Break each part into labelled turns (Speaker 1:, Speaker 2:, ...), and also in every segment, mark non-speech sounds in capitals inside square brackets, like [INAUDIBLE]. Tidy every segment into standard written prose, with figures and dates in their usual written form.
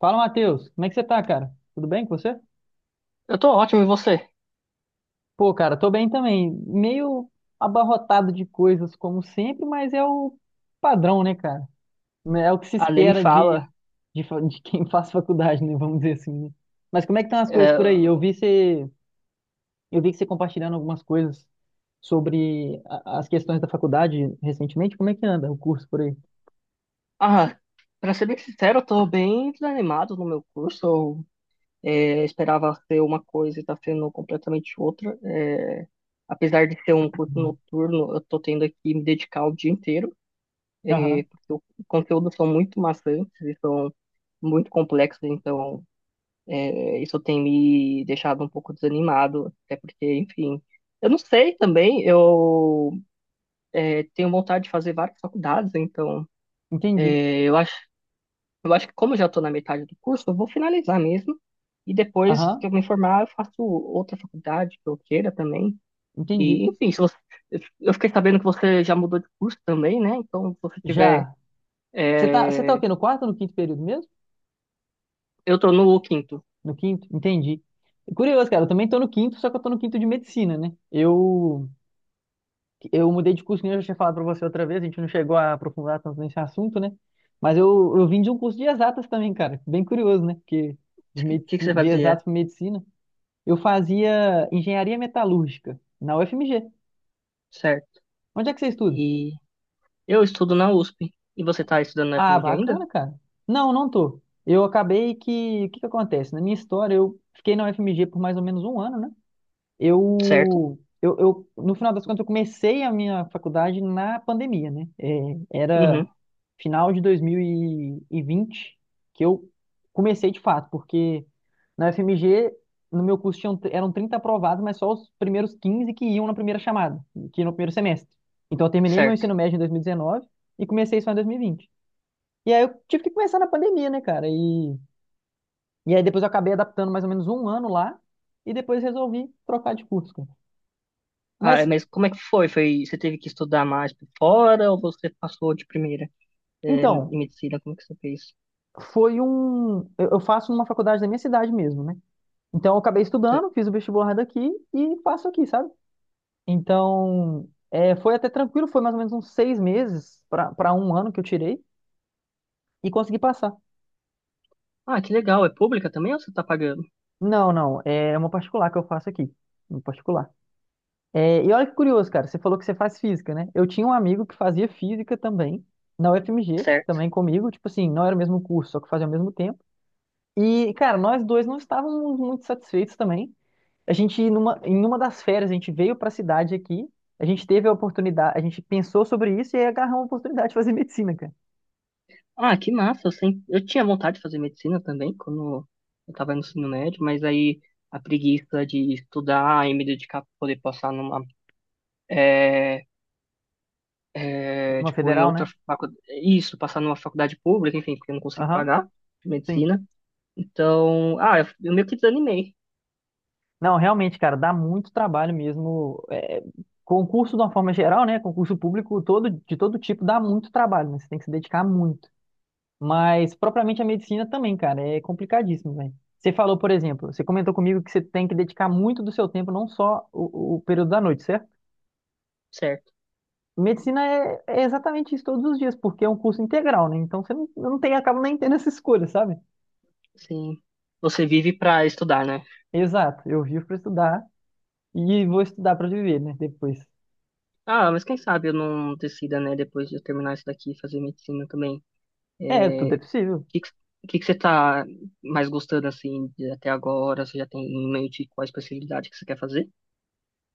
Speaker 1: Fala, Matheus. Como é que você tá, cara? Tudo bem com você?
Speaker 2: Eu tô ótimo, e você?
Speaker 1: Pô, cara, tô bem também. Meio abarrotado de coisas, como sempre, mas é o padrão, né, cara? Né, é o que se
Speaker 2: Ah, nem me
Speaker 1: espera de,
Speaker 2: fala.
Speaker 1: de, fa- de quem [LAUGHS] faz faculdade, né? Vamos dizer assim, né? Mas como é que estão as coisas
Speaker 2: É,
Speaker 1: por aí? Eu vi você, eu vi que você compartilhando algumas coisas sobre as questões da faculdade recentemente. Como é que anda o curso por aí?
Speaker 2: Ah, pra ser bem sincero, eu tô bem desanimado no meu curso. Esperava ser uma coisa e tá sendo completamente outra. Apesar de ser um curso
Speaker 1: Uhum.
Speaker 2: noturno, eu tô tendo que me dedicar o dia inteiro. É,
Speaker 1: Aham,
Speaker 2: os conteúdos são muito maçantes e são muito complexos, então isso tem me deixado um pouco desanimado, até porque, enfim... Eu não sei também, eu tenho vontade de fazer várias faculdades, então...
Speaker 1: entendi.
Speaker 2: Eu acho, eu acho que como eu já estou na metade do curso, eu vou finalizar mesmo. E depois
Speaker 1: Aham,
Speaker 2: que eu me formar, eu faço outra faculdade que eu queira também.
Speaker 1: entendi.
Speaker 2: E, enfim, se você, eu fiquei sabendo que você já mudou de curso também, né? Então, se você tiver...
Speaker 1: Já. Você tá o
Speaker 2: é,
Speaker 1: quê? No quarto ou no quinto período mesmo?
Speaker 2: eu estou no quinto. O
Speaker 1: No quinto, entendi. É curioso, cara, eu também tô no quinto, só que eu tô no quinto de medicina, né? Eu mudei de curso, que nem eu já tinha falado pra você outra vez. A gente não chegou a aprofundar tanto nesse assunto, né? Mas eu vim de um curso de exatas também, cara. Bem curioso, né? Porque de,
Speaker 2: que, que que
Speaker 1: medici-
Speaker 2: você
Speaker 1: de exatas
Speaker 2: fazia?
Speaker 1: pra medicina, eu fazia engenharia metalúrgica na UFMG.
Speaker 2: Certo.
Speaker 1: Onde é que você estuda?
Speaker 2: E eu estudo na USP. E você está estudando na
Speaker 1: Ah,
Speaker 2: FMG ainda?
Speaker 1: bacana, cara. Não, não tô. Eu acabei que. O que que acontece? Na minha história, eu fiquei na UFMG por mais ou menos um ano, né?
Speaker 2: Certo?
Speaker 1: No final das contas, eu comecei a minha faculdade na pandemia, né? Era
Speaker 2: Uhum,
Speaker 1: final de 2020 que eu comecei de fato, porque na FMG, no meu curso, tinham, eram 30 aprovados, mas só os primeiros 15 que iam na primeira chamada, que iam no primeiro semestre. Então, eu terminei meu
Speaker 2: certo.
Speaker 1: ensino médio em 2019 e comecei só em 2020. E vinte. E aí, eu tive que começar na pandemia, né, cara? E aí, depois eu acabei adaptando mais ou menos um ano lá e depois resolvi trocar de curso, cara.
Speaker 2: Ah, é,
Speaker 1: Mas
Speaker 2: mas como é que foi? Foi, você teve que estudar mais por fora ou você passou de primeira,
Speaker 1: então,
Speaker 2: em medicina? Como é que você fez?
Speaker 1: foi um. Eu faço numa faculdade da minha cidade mesmo, né? Então, eu acabei
Speaker 2: Sei.
Speaker 1: estudando, fiz o vestibular daqui e faço aqui, sabe? Então, é, foi até tranquilo, foi mais ou menos uns seis meses para um ano que eu tirei e consegui passar.
Speaker 2: Ah, que legal. É pública também ou você tá pagando?
Speaker 1: Não, não, é uma particular que eu faço aqui, uma particular. É, e olha que curioso, cara, você falou que você faz física, né? Eu tinha um amigo que fazia física também, na UFMG,
Speaker 2: Certo?
Speaker 1: também comigo, tipo assim, não era o mesmo curso, só que fazia ao mesmo tempo. E, cara, nós dois não estávamos muito satisfeitos também. A gente, em uma das férias, a gente veio para a cidade aqui, a gente teve a oportunidade, a gente pensou sobre isso e aí agarrou a oportunidade de fazer [LAUGHS] medicina, cara.
Speaker 2: Ah, que massa. Eu sempre... eu tinha vontade de fazer medicina também quando eu tava no ensino médio, mas aí a preguiça de estudar e me dedicar pra poder passar numa. É... é,
Speaker 1: Uma
Speaker 2: tipo, em
Speaker 1: federal,
Speaker 2: outra
Speaker 1: né?
Speaker 2: faculdade. Isso, passar numa faculdade pública, enfim, porque eu não consigo
Speaker 1: Aham,
Speaker 2: pagar
Speaker 1: sim.
Speaker 2: medicina. Então, ah, eu meio que desanimei,
Speaker 1: Não, realmente, cara, dá muito trabalho mesmo. É, concurso, de uma forma geral, né? Concurso público todo, de todo tipo dá muito trabalho, né? Você tem que se dedicar muito. Mas, propriamente, a medicina também, cara, é complicadíssimo, velho. Você falou, por exemplo, você comentou comigo que você tem que dedicar muito do seu tempo, não só o período da noite, certo?
Speaker 2: certo?
Speaker 1: Medicina é exatamente isso todos os dias, porque é um curso integral, né? Então você não, eu não tem, acaba nem tendo essa escolha, sabe?
Speaker 2: Sim. Você vive pra estudar, né?
Speaker 1: Exato, eu vivo para estudar e vou estudar para viver, né? Depois.
Speaker 2: Ah, mas quem sabe eu não decida, né, depois de eu terminar isso daqui, fazer medicina também.
Speaker 1: É, tudo é
Speaker 2: É,
Speaker 1: possível.
Speaker 2: que que, que você tá mais gostando assim de até agora? Você já tem em mente qual a especialidade que você quer fazer?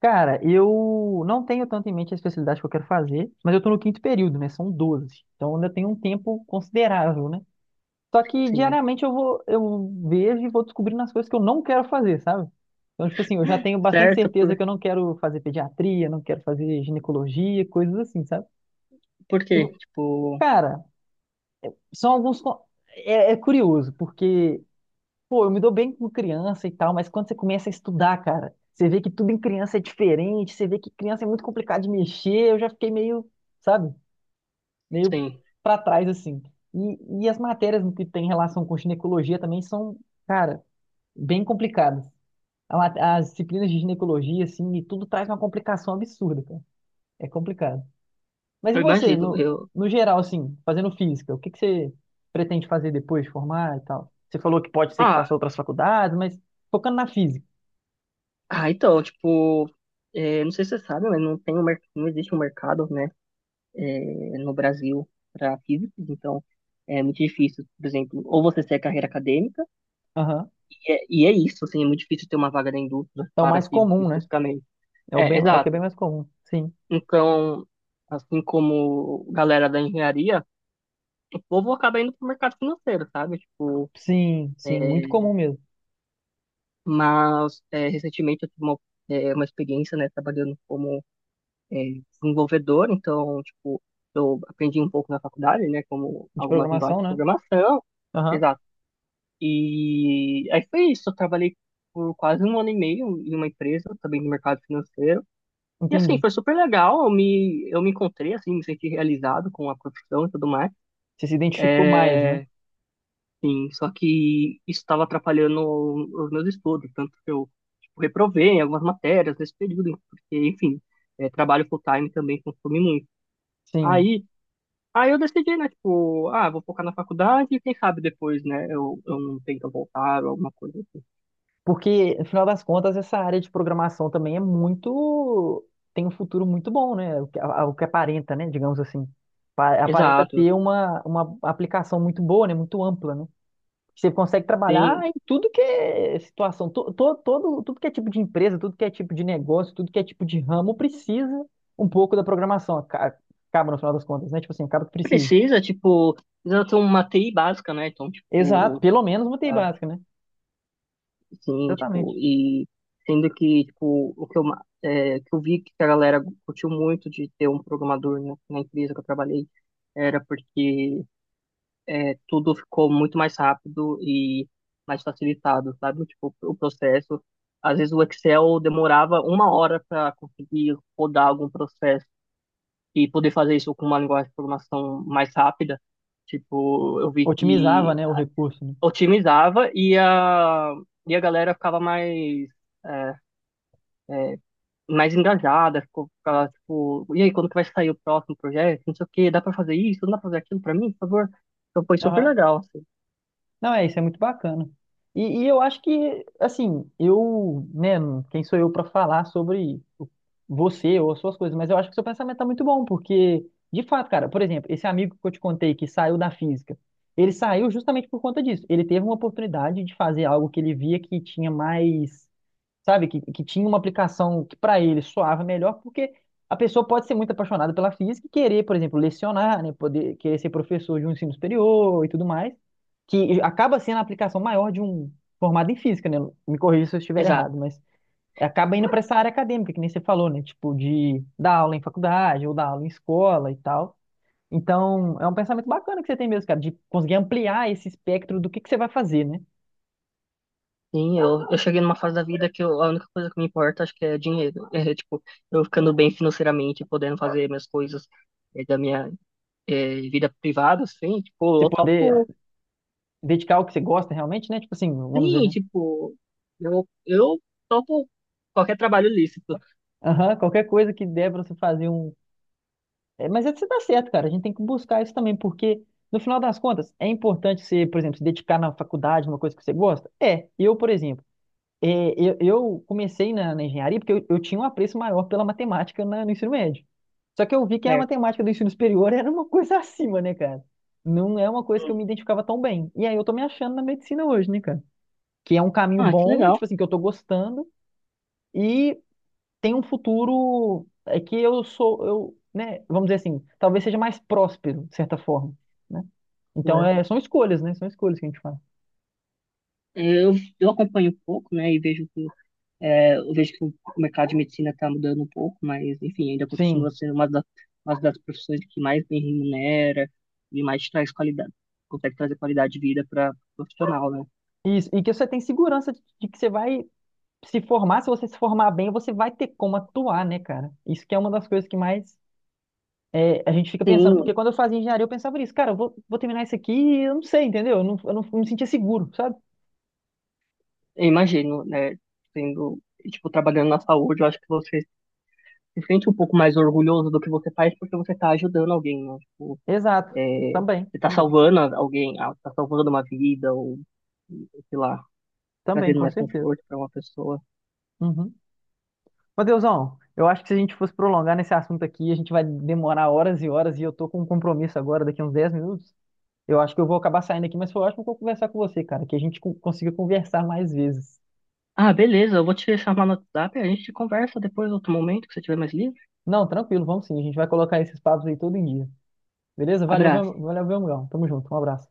Speaker 1: Cara, eu não tenho tanto em mente a especialidade que eu quero fazer, mas eu tô no quinto período, né? São doze. Então ainda tenho um tempo considerável, né? Só que
Speaker 2: Sim.
Speaker 1: diariamente eu vou, eu vejo e vou descobrindo as coisas que eu não quero fazer, sabe? Então, tipo assim, eu já tenho bastante
Speaker 2: Certo?
Speaker 1: certeza que eu não quero fazer pediatria, não quero fazer ginecologia, coisas assim, sabe?
Speaker 2: Por
Speaker 1: E
Speaker 2: quê? Tipo,
Speaker 1: Cara, são alguns. Co- É, é curioso, porque, pô, eu me dou bem com criança e tal, mas quando você começa a estudar, cara, você vê que tudo em criança é diferente, você vê que criança é muito complicado de mexer. Eu já fiquei meio, sabe, meio
Speaker 2: sim,
Speaker 1: pra trás, assim. E as matérias que tem relação com ginecologia também são, cara, bem complicadas. As disciplinas de ginecologia, assim, e tudo traz uma complicação absurda, cara. É complicado. Mas e
Speaker 2: eu
Speaker 1: você,
Speaker 2: imagino. Eu...
Speaker 1: no geral, assim, fazendo física, o que que você pretende fazer depois de formar e tal? Você falou que pode ser que
Speaker 2: Ah,
Speaker 1: faça outras faculdades, mas focando na física.
Speaker 2: ah, então, tipo, não sei se você sabe, mas não tem um, mer- não existe um mercado, né, no Brasil para físicos, então é muito difícil, por exemplo, ou você segue a carreira acadêmica,
Speaker 1: Aham.
Speaker 2: e é isso, assim, é muito difícil ter uma vaga na indústria
Speaker 1: É o
Speaker 2: para
Speaker 1: mais
Speaker 2: físicos
Speaker 1: comum, né?
Speaker 2: especificamente.
Speaker 1: É o
Speaker 2: É,
Speaker 1: bem, é o que é bem
Speaker 2: exato.
Speaker 1: mais comum. Sim.
Speaker 2: Então, assim como galera da engenharia, o povo acaba indo para o mercado financeiro, sabe? Tipo,
Speaker 1: Sim, sim, muito comum mesmo.
Speaker 2: mas é, recentemente eu tive uma, uma experiência, né, trabalhando como é, desenvolvedor, então, tipo, eu aprendi um pouco na faculdade, né, como
Speaker 1: De
Speaker 2: algumas linguagens
Speaker 1: programação,
Speaker 2: de
Speaker 1: né?
Speaker 2: programação,
Speaker 1: Aham.
Speaker 2: exato. E aí foi isso, eu trabalhei por quase um ano e meio em uma empresa, também no mercado financeiro, e assim,
Speaker 1: Entendi.
Speaker 2: foi super legal, eu me encontrei, assim, me senti realizado com a profissão e tudo mais,
Speaker 1: Você se identificou mais, né?
Speaker 2: É, sim, só que isso estava atrapalhando os meus estudos, tanto que eu tipo, reprovei em algumas matérias nesse período, porque, enfim, trabalho full-time também consome muito.
Speaker 1: Sim.
Speaker 2: Aí, aí eu decidi, né, tipo, ah, vou focar na faculdade e quem sabe depois, né, eu não tento voltar ou alguma coisa assim.
Speaker 1: Porque, no final das contas, essa área de programação também é muito. Tem um futuro muito bom, né? O que aparenta, né? Digamos assim. Aparenta
Speaker 2: Exato,
Speaker 1: ter uma aplicação muito boa, né? Muito ampla, né? Você consegue trabalhar
Speaker 2: sim.
Speaker 1: em tudo que é situação, tudo que é tipo de empresa, tudo que é tipo de negócio, tudo que é tipo de ramo precisa um pouco da programação. Acaba, no final das contas, né? Tipo assim, acaba que precisa.
Speaker 2: Precisa, tipo, precisa ter uma TI básica, né, então,
Speaker 1: Exato,
Speaker 2: tipo,
Speaker 1: pelo menos uma TI
Speaker 2: ah,
Speaker 1: básica, né?
Speaker 2: sim, tipo,
Speaker 1: Exatamente.
Speaker 2: e sendo que, tipo, o que eu, ma- é, que eu vi que a galera curtiu muito de ter um programador na empresa que eu trabalhei, era porque tudo ficou muito mais rápido e mais facilitado, sabe? Tipo, o processo. Às vezes o Excel demorava uma hora para conseguir rodar algum processo e poder fazer isso com uma linguagem de programação mais rápida. Tipo, eu vi
Speaker 1: Otimizava,
Speaker 2: que
Speaker 1: né, o recurso, né?
Speaker 2: otimizava e a galera ficava mais, é, é, mais engajada, ficava tipo, e aí, quando que vai sair o próximo projeto? Não sei o quê, dá pra fazer isso? Não dá pra fazer aquilo pra mim, por favor? Então foi super legal, assim.
Speaker 1: Não, é, isso é muito bacana. E eu acho que, assim, eu, né, quem sou eu para falar sobre o- você ou as suas coisas, mas eu acho que seu pensamento tá muito bom, porque, de fato, cara, por exemplo, esse amigo que eu te contei que saiu da física, ele saiu justamente por conta disso. Ele teve uma oportunidade de fazer algo que ele via que tinha mais sabe? Que tinha uma aplicação que para ele soava melhor, porque a pessoa pode ser muito apaixonada pela física e querer, por exemplo, lecionar, né? Poder, querer ser professor de um ensino superior e tudo mais, que acaba sendo a aplicação maior de um formado em física, né? Me corrija se eu estiver errado,
Speaker 2: Exato.
Speaker 1: mas acaba indo para essa área acadêmica, que nem você falou, né? Tipo, de dar aula em faculdade ou dar aula em escola e tal. Então, é um pensamento bacana que você tem mesmo, cara, de conseguir ampliar esse espectro do que você vai fazer, né?
Speaker 2: Sim, eu cheguei numa fase da vida que eu- a única coisa que me importa acho que é dinheiro. [LAUGHS] É, tipo, eu ficando bem financeiramente, podendo fazer minhas coisas da minha vida privada, assim, tipo,
Speaker 1: Você
Speaker 2: eu
Speaker 1: poder
Speaker 2: topo,
Speaker 1: dedicar ao que você gosta realmente, né? Tipo assim, vamos dizer,
Speaker 2: sim,
Speaker 1: né?
Speaker 2: tipo, eu topo qualquer trabalho lícito.
Speaker 1: Aham, qualquer coisa que der pra você fazer um. É, mas é que você tá certo, cara. A gente tem que buscar isso também, porque no final das contas, é importante você, por exemplo, se dedicar na faculdade, uma coisa que você gosta? É. Eu, por exemplo. É, eu comecei na engenharia porque eu tinha um apreço maior pela matemática no ensino médio. Só que eu vi que a
Speaker 2: Certo.
Speaker 1: matemática do ensino superior [LAUGHS] era uma coisa [LAUGHS] acima, né, cara? Não é uma coisa que eu me identificava tão bem. E aí eu tô me achando na medicina hoje, né, cara? Que é um caminho
Speaker 2: Ah, que
Speaker 1: bom,
Speaker 2: legal.
Speaker 1: tipo assim, que eu tô gostando e tem um futuro que eu sou, eu, né, vamos dizer assim, talvez seja mais próspero, de certa forma, né?
Speaker 2: Pô.
Speaker 1: Então, é, são escolhas, né? São escolhas que a gente faz.
Speaker 2: Eu, eu acompanho um pouco, né, e vejo que, eu vejo que o mercado de medicina está mudando um pouco, mas, enfim, ainda continua
Speaker 1: Sim.
Speaker 2: sendo uma das profissões que mais bem remunera e mais traz qualidade, consegue trazer qualidade de vida para profissional, né?
Speaker 1: Isso, e que você tem segurança de que você vai se formar. Se você se formar bem, você vai ter como atuar, né, cara? Isso que é uma das coisas que mais a gente fica pensando, porque
Speaker 2: Sim,
Speaker 1: quando eu fazia engenharia, eu pensava nisso, cara, eu vou, vou terminar isso aqui e eu não sei, entendeu? Eu não me sentia seguro, sabe?
Speaker 2: eu imagino, né, sendo, tipo, trabalhando na saúde, eu acho que você se sente um pouco mais orgulhoso do que você faz porque você está ajudando alguém, né? Tipo,
Speaker 1: Exato.
Speaker 2: é,
Speaker 1: Também,
Speaker 2: você tá
Speaker 1: também,
Speaker 2: salvando alguém, ah, tá salvando uma vida, ou sei lá,
Speaker 1: também,
Speaker 2: trazendo
Speaker 1: com
Speaker 2: mais
Speaker 1: certeza.
Speaker 2: conforto pra uma pessoa.
Speaker 1: Uhum. Mateusão, eu acho que se a gente fosse prolongar nesse assunto aqui, a gente vai demorar horas e horas e eu tô com um compromisso agora, daqui a uns 10 minutos. Eu acho que eu vou acabar saindo aqui, mas foi ótimo que eu conversar com você, cara, que a gente consiga conversar mais vezes.
Speaker 2: Ah, beleza, eu vou te chamar no WhatsApp, e a gente conversa depois, outro momento, que você tiver mais livre.
Speaker 1: Não, tranquilo, vamos sim, a gente vai colocar esses papos aí todo dia. Beleza?
Speaker 2: Abraço.
Speaker 1: Valeu, meu amigão. Tamo junto. Um abraço.